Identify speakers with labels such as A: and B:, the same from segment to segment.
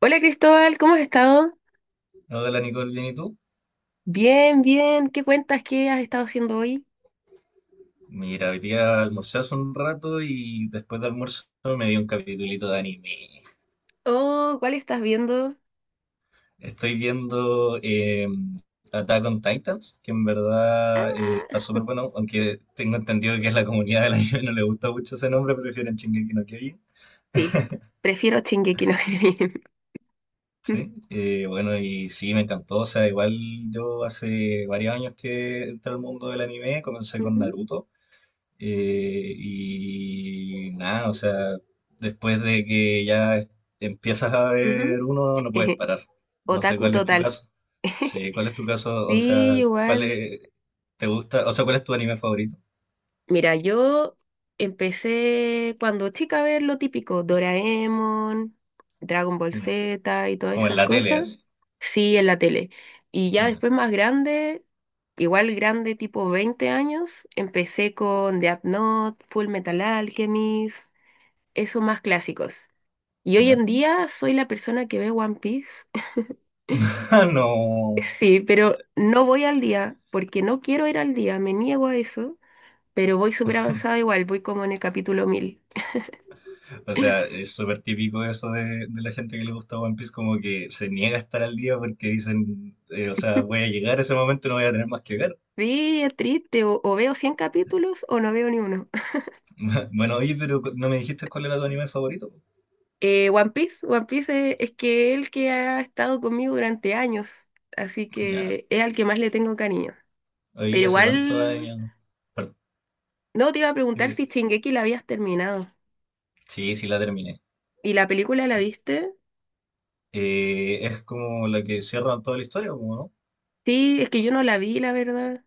A: Hola Cristóbal, ¿cómo has estado?
B: Hola Nicole, ¿bien y tú?
A: Bien, bien. ¿Qué cuentas? ¿Qué has estado haciendo hoy?
B: Mira, hoy día almorcé hace un rato y después de almuerzo me vi un capitulito de anime.
A: Oh, ¿cuál estás viendo?
B: Estoy viendo Attack on Titans, que en verdad está
A: Ah,
B: súper bueno, aunque tengo entendido que a la comunidad del anime no le gusta mucho ese nombre, prefieren Shingeki no Kyojin.
A: sí. Prefiero Shingeki no Kyojin.
B: Sí, bueno, y sí, me encantó. O sea, igual yo hace varios años que entré al mundo del anime, comencé con
A: Ujú,
B: Naruto. Y nada, o sea, después de que ya es- empiezas a
A: ujú.
B: ver uno, no puedes parar. No sé
A: Otaku
B: cuál es tu
A: total.
B: caso. Sí, ¿cuál es tu caso? O sea,
A: Sí,
B: ¿cuál
A: igual.
B: es, ¿te gusta? O sea, ¿cuál es tu anime favorito?
A: Mira, yo empecé cuando chica a ver lo típico, Doraemon, Dragon Ball
B: Ya.
A: Z y todas
B: Como en
A: esas
B: la tele,
A: cosas.
B: así.
A: Sí, en la tele. Y ya
B: Ya.
A: después más grande, igual grande, tipo 20 años, empecé con Death Note, Full Metal Alchemist, esos más clásicos. Y hoy
B: ¿Ya?
A: en día soy la persona que ve One Piece.
B: No.
A: Sí, pero no voy al día porque no quiero ir al día, me niego a eso, pero voy súper avanzada igual, voy como en el capítulo 1000.
B: O sea, es súper típico eso de la gente que le gusta One Piece, como que se niega a estar al día porque dicen, o sea, voy a llegar a ese momento y no voy a tener más que ver.
A: Sí, es triste, o veo 100 capítulos o no veo ni uno.
B: Bueno, oye, pero no me dijiste cuál era tu anime favorito.
A: One Piece, One Piece es que el que ha estado conmigo durante años, así
B: Ya.
A: que es al que más le tengo cariño. Pero
B: Hoy hace cuántos
A: igual,
B: años. Par-
A: no te iba a preguntar
B: dime-
A: si Shingeki la habías terminado.
B: Sí, sí la terminé.
A: ¿Y la película la
B: Sí.
A: viste?
B: Es como la que cierra toda la historia, ¿o ¿no?
A: Sí, es que yo no la vi, la verdad.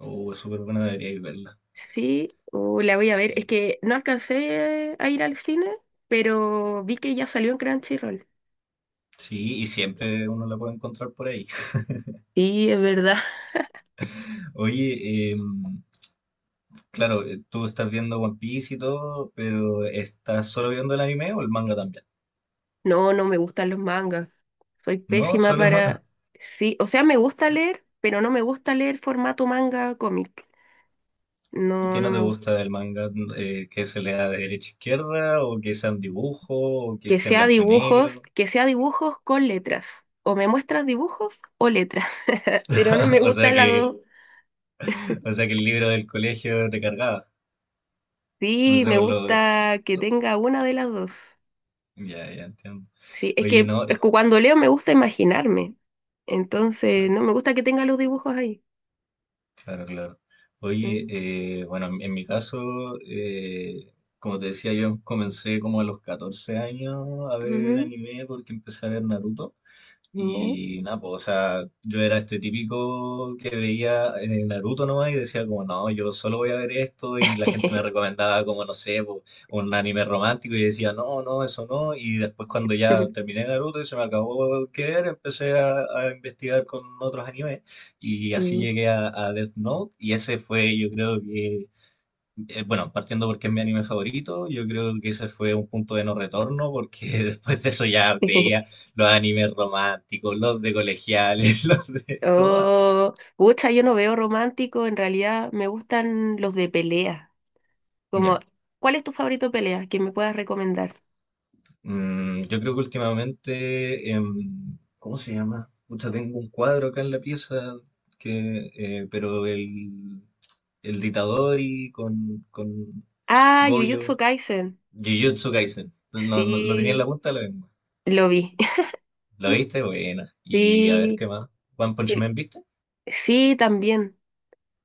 B: O es súper buena, debería ir verla.
A: Sí, o la voy a
B: Sí,
A: ver. Es
B: sí.
A: que no alcancé a ir al cine, pero vi que ya salió en Crunchyroll.
B: Sí, y siempre uno la puede encontrar por ahí.
A: Sí, es verdad.
B: Oye, claro, tú estás viendo One Piece y todo, pero ¿estás solo viendo el anime o el manga también?
A: No, no me gustan los mangas. Soy
B: No,
A: pésima
B: solo.
A: para... Sí, o sea, me gusta leer, pero no me gusta leer formato manga cómic.
B: ¿Y
A: No,
B: qué
A: no
B: no te
A: me gusta.
B: gusta del manga? ¿Que se lea de derecha a izquierda? ¿O que sean dibujos? ¿O que esté en blanco y negro?
A: Que sea dibujos con letras. O me muestras dibujos o letras. Pero no me
B: O
A: gusta
B: sea
A: las
B: que
A: dos.
B: O sea que el libro del colegio te cargaba. No
A: Sí,
B: sé,
A: me
B: por lo...
A: gusta que tenga una de las dos.
B: Ya, ya entiendo.
A: Sí, es
B: Oye,
A: que,
B: no,
A: es que cuando leo me gusta imaginarme. Entonces,
B: cla-
A: no me gusta que tenga los dibujos ahí.
B: claro, claro. Oye,
A: Mm.
B: bueno, en mi caso, eh, como te decía, yo comencé como a los 14 años a ver
A: Ujú.
B: anime porque empecé a ver Naruto.
A: Ya.
B: Y nada, pues, o sea, yo era este típico que veía en Naruto nomás y decía como, no, yo solo voy a ver esto y la gente me recomendaba como, no sé, po, un anime romántico y decía, no, no, eso no. Y después cuando ya terminé Naruto y se me acabó que ver, empecé a investigar con otros animes y así
A: Mm.
B: llegué a Death Note y ese fue, yo creo que bueno, partiendo porque es mi anime favorito, yo creo que ese fue un punto de no retorno, porque después de eso ya veía los animes románticos, los de colegiales, los de todas.
A: Oh, pucha, yo no veo romántico, en realidad me gustan los de pelea. Como,
B: Ya.
A: ¿cuál es tu favorito de pelea que me puedas recomendar?
B: Yo creo que últimamente, ¿cómo se llama? Pucha, tengo un cuadro acá en la pieza, pero el de Itadori con
A: Ah, Jujutsu
B: Goyo,
A: Kaisen.
B: Jujutsu Kaisen, lo tenía en la
A: Sí,
B: punta de la lengua.
A: lo vi.
B: ¿Lo viste? Buena. Y a ver
A: Sí,
B: qué más. One Punch Man,
A: sí,
B: ¿viste?
A: sí, también.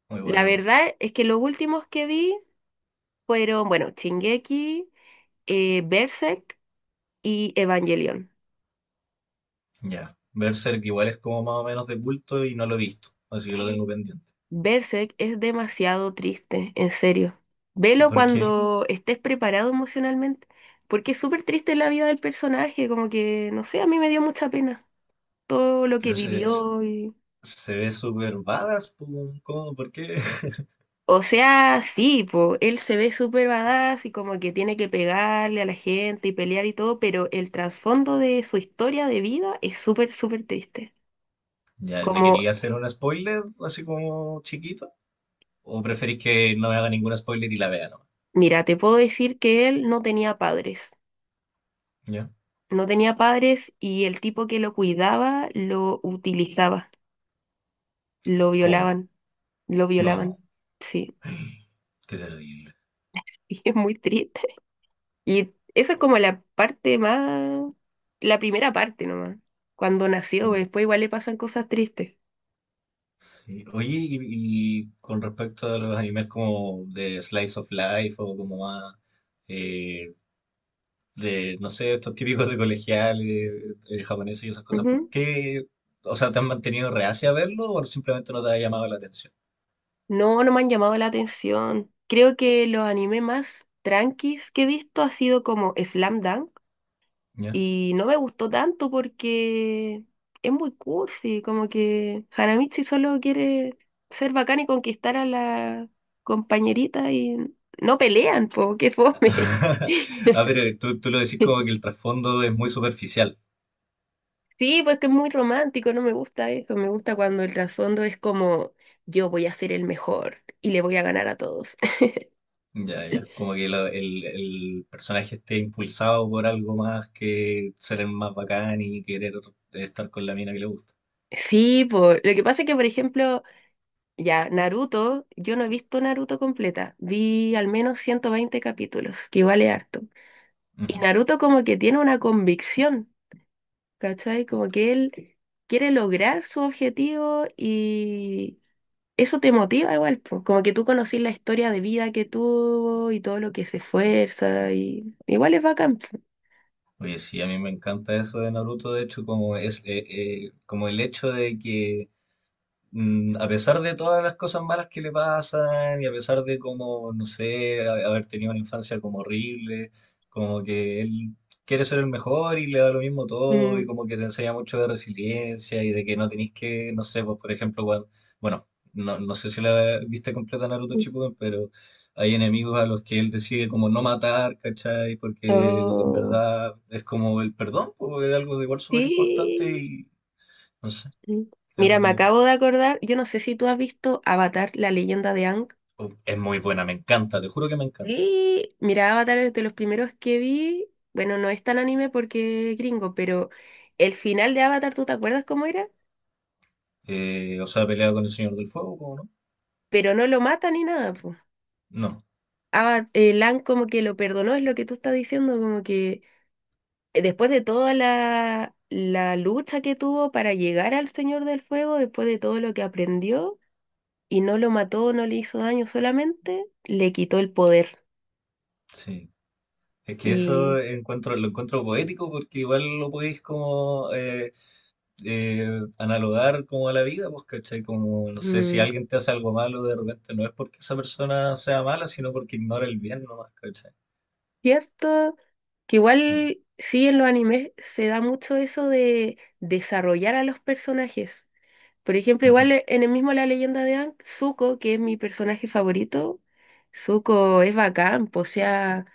B: Muy
A: La
B: bueno, igual.
A: verdad es que los últimos que vi fueron, bueno, Shingeki, Berserk y Evangelion.
B: Ya. Berserk igual es como más o menos de culto y no lo he visto, así que lo tengo pendiente.
A: Berserk es demasiado triste, en serio. Velo
B: ¿Por qué?
A: cuando estés preparado emocionalmente, porque es súper triste la vida del personaje, como que, no sé, a mí me dio mucha pena todo lo que
B: Pero
A: vivió y...
B: se ve súper badass, pu, ¿cómo? ¿Por qué?
A: O sea, sí, po, él se ve súper badass y como que tiene que pegarle a la gente y pelear y todo, pero el trasfondo de su historia de vida es súper, súper triste.
B: Ya, ¿me
A: Como,
B: quería hacer un spoiler así como chiquito? ¿O preferís que no me haga ningún spoiler y la vea nomás?
A: mira, te puedo decir que él no tenía padres.
B: ¿Ya?
A: No tenía padres y el tipo que lo cuidaba lo utilizaba, lo
B: ¿Cómo?
A: violaban, lo violaban.
B: No,
A: Sí,
B: qué terrible.
A: y es muy triste. Y esa es como la primera parte nomás. Cuando nació, pues,
B: Mm,
A: después igual le pasan cosas tristes.
B: sí. Oye, y con respecto a los animes como de Slice of Life o como más eh, de, no sé, estos típicos de colegiales, japoneses y esas cosas, ¿por
A: Ujú.
B: qué? O sea, ¿te han mantenido reacia a verlo o simplemente no te ha llamado la atención?
A: No, no me han llamado la atención. Creo que los animes más tranquis que he visto ha sido como Slam Dunk.
B: Ya.
A: Y no me gustó tanto porque es muy cursi, como que Hanamichi solo quiere ser bacán y conquistar a la compañerita y no pelean, po, qué fome.
B: Ah, pero tú lo decís como que el trasfondo es muy superficial.
A: Sí, pues que es muy romántico, no me gusta eso, me gusta cuando el trasfondo es como yo voy a ser el mejor y le voy a ganar a todos.
B: Ya, ya. Como que el personaje esté impulsado por algo más que ser el más bacán y querer estar con la mina que le gusta.
A: Sí, por lo que pasa es que, por ejemplo, ya Naruto, yo no he visto Naruto completa, vi al menos 120 capítulos, que igual es harto. Y
B: Ujú.
A: Naruto como que tiene una convicción, ¿cachai? Como que él quiere lograr su objetivo y eso te motiva igual, po. Como que tú conocís la historia de vida que tuvo y todo lo que se esfuerza y igual es bacán, po.
B: Oye, sí, a mí me encanta eso de Naruto, de hecho, como es como el hecho de que a pesar de todas las cosas malas que le pasan y a pesar de como, no sé, haber tenido una infancia como horrible, como que él quiere ser el mejor y le da lo mismo todo y
A: Mm.
B: como que te enseña mucho de resiliencia y de que no tenés que, no sé, pues por ejemplo, bueno, no sé si la viste completa Naruto Shippuden, pero hay enemigos a los que él decide como no matar, ¿cachai? Porque en
A: Oh,
B: verdad es como el perdón, pues es algo igual súper importante
A: sí.
B: y no sé,
A: Mm.
B: es
A: Mira,
B: algo que
A: me
B: me
A: acabo
B: gusta.
A: de acordar, yo no sé si tú has visto Avatar, la leyenda de Ang.
B: Es muy buena, me encanta, te juro que me encanta.
A: Sí, mira, Avatar es de los primeros que vi. Bueno, no es tan anime porque es gringo, pero el final de Avatar, ¿tú te acuerdas cómo era?
B: O sea, pelea con el Señor del Fuego, ¿cómo no?
A: Pero no lo mata ni nada, pues.
B: No,
A: Aang como que lo perdonó, es lo que tú estás diciendo, como que después de toda la lucha que tuvo para llegar al Señor del Fuego, después de todo lo que aprendió, y no lo mató, no le hizo daño, solamente le quitó el poder.
B: sí. Es que eso
A: Y
B: encuentro, lo encuentro poético porque igual lo podéis como analogar como a la vida, pues, ¿cachai? Como, no sé, si
A: mm,
B: alguien te hace algo malo de repente, no es porque esa persona sea mala, sino porque ignora el bien nomás, ¿cachai?
A: cierto, que
B: Sí.
A: igual sí en los animes se da mucho eso de desarrollar a los personajes. Por ejemplo,
B: Ujú,
A: igual en el mismo La Leyenda de Aang, Zuko, que es mi personaje favorito, Zuko es bacán, po, o sea,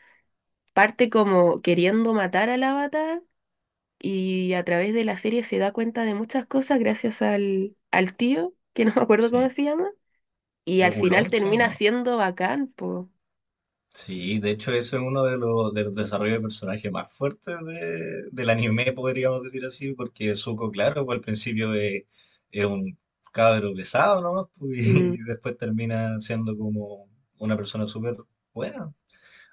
A: parte como queriendo matar al avatar y a través de la serie se da cuenta de muchas cosas gracias al tío, que no me acuerdo cómo
B: sí.
A: se llama, y al final
B: ¿Oolong, sí o
A: termina
B: no?
A: siendo bacán, pues.
B: Sí, de hecho eso es uno de de los desarrollos de personaje más fuertes del anime, podríamos decir así, porque Zuko, claro, pues, al principio es un cabro pesado, ¿no? y después termina siendo como una persona súper buena.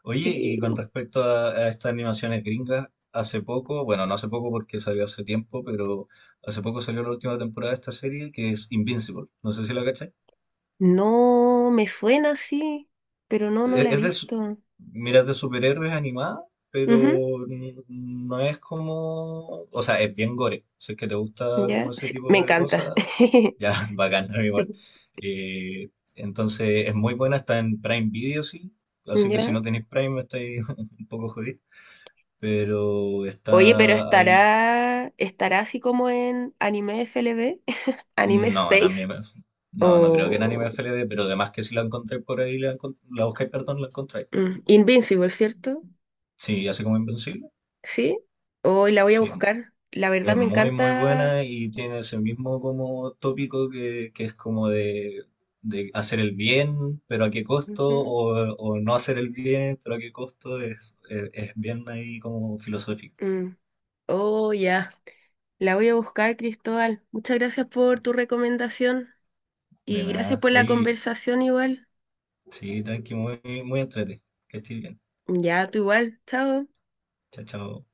B: Oye, y con respecto a estas animaciones gringas, hace poco, bueno, no hace poco porque salió hace tiempo, pero hace poco salió la última temporada de esta serie que es Invincible. No sé si la cachai.
A: No me suena así, pero no, no
B: e-
A: la he
B: Es de, su-
A: visto.
B: Mira, es de superhéroes animada, pero no es como, o sea, es bien gore. Si es que te
A: Ujú,
B: gusta como
A: ya,
B: ese
A: sí, me
B: tipo de
A: encanta.
B: cosas, ya, bacán, ¿no? Igual. Entonces, es muy buena, está en Prime Video, sí. Así que si
A: Ya.
B: no tenéis Prime, estáis un poco jodidos. Pero
A: Oye, pero
B: está ahí.
A: estará así como en Anime FLV, Anime
B: No, en
A: Space
B: anime. No, no creo que en anime
A: o
B: FLV, pero además que si la encontráis por ahí, la buscáis, perdón, la encontráis.
A: Invincible, ¿cierto?
B: Sí, así como Invencible.
A: Sí. Hoy la voy a
B: Sí,
A: buscar. La verdad
B: es
A: me
B: muy, muy
A: encanta.
B: buena y tiene ese mismo como tópico que es como de hacer el bien, pero a qué costo,
A: Ujú,
B: o no hacer el bien, pero a qué costo, es bien ahí como filosófico.
A: mm. Oh, ya. La voy a buscar, Cristóbal. Muchas gracias por tu recomendación
B: De
A: y gracias
B: nada.
A: por la
B: Oye,
A: conversación igual.
B: sí, tranqui, muy, muy entrete. Que estés bien.
A: Ya, tú igual. Chao.
B: Chao, chao.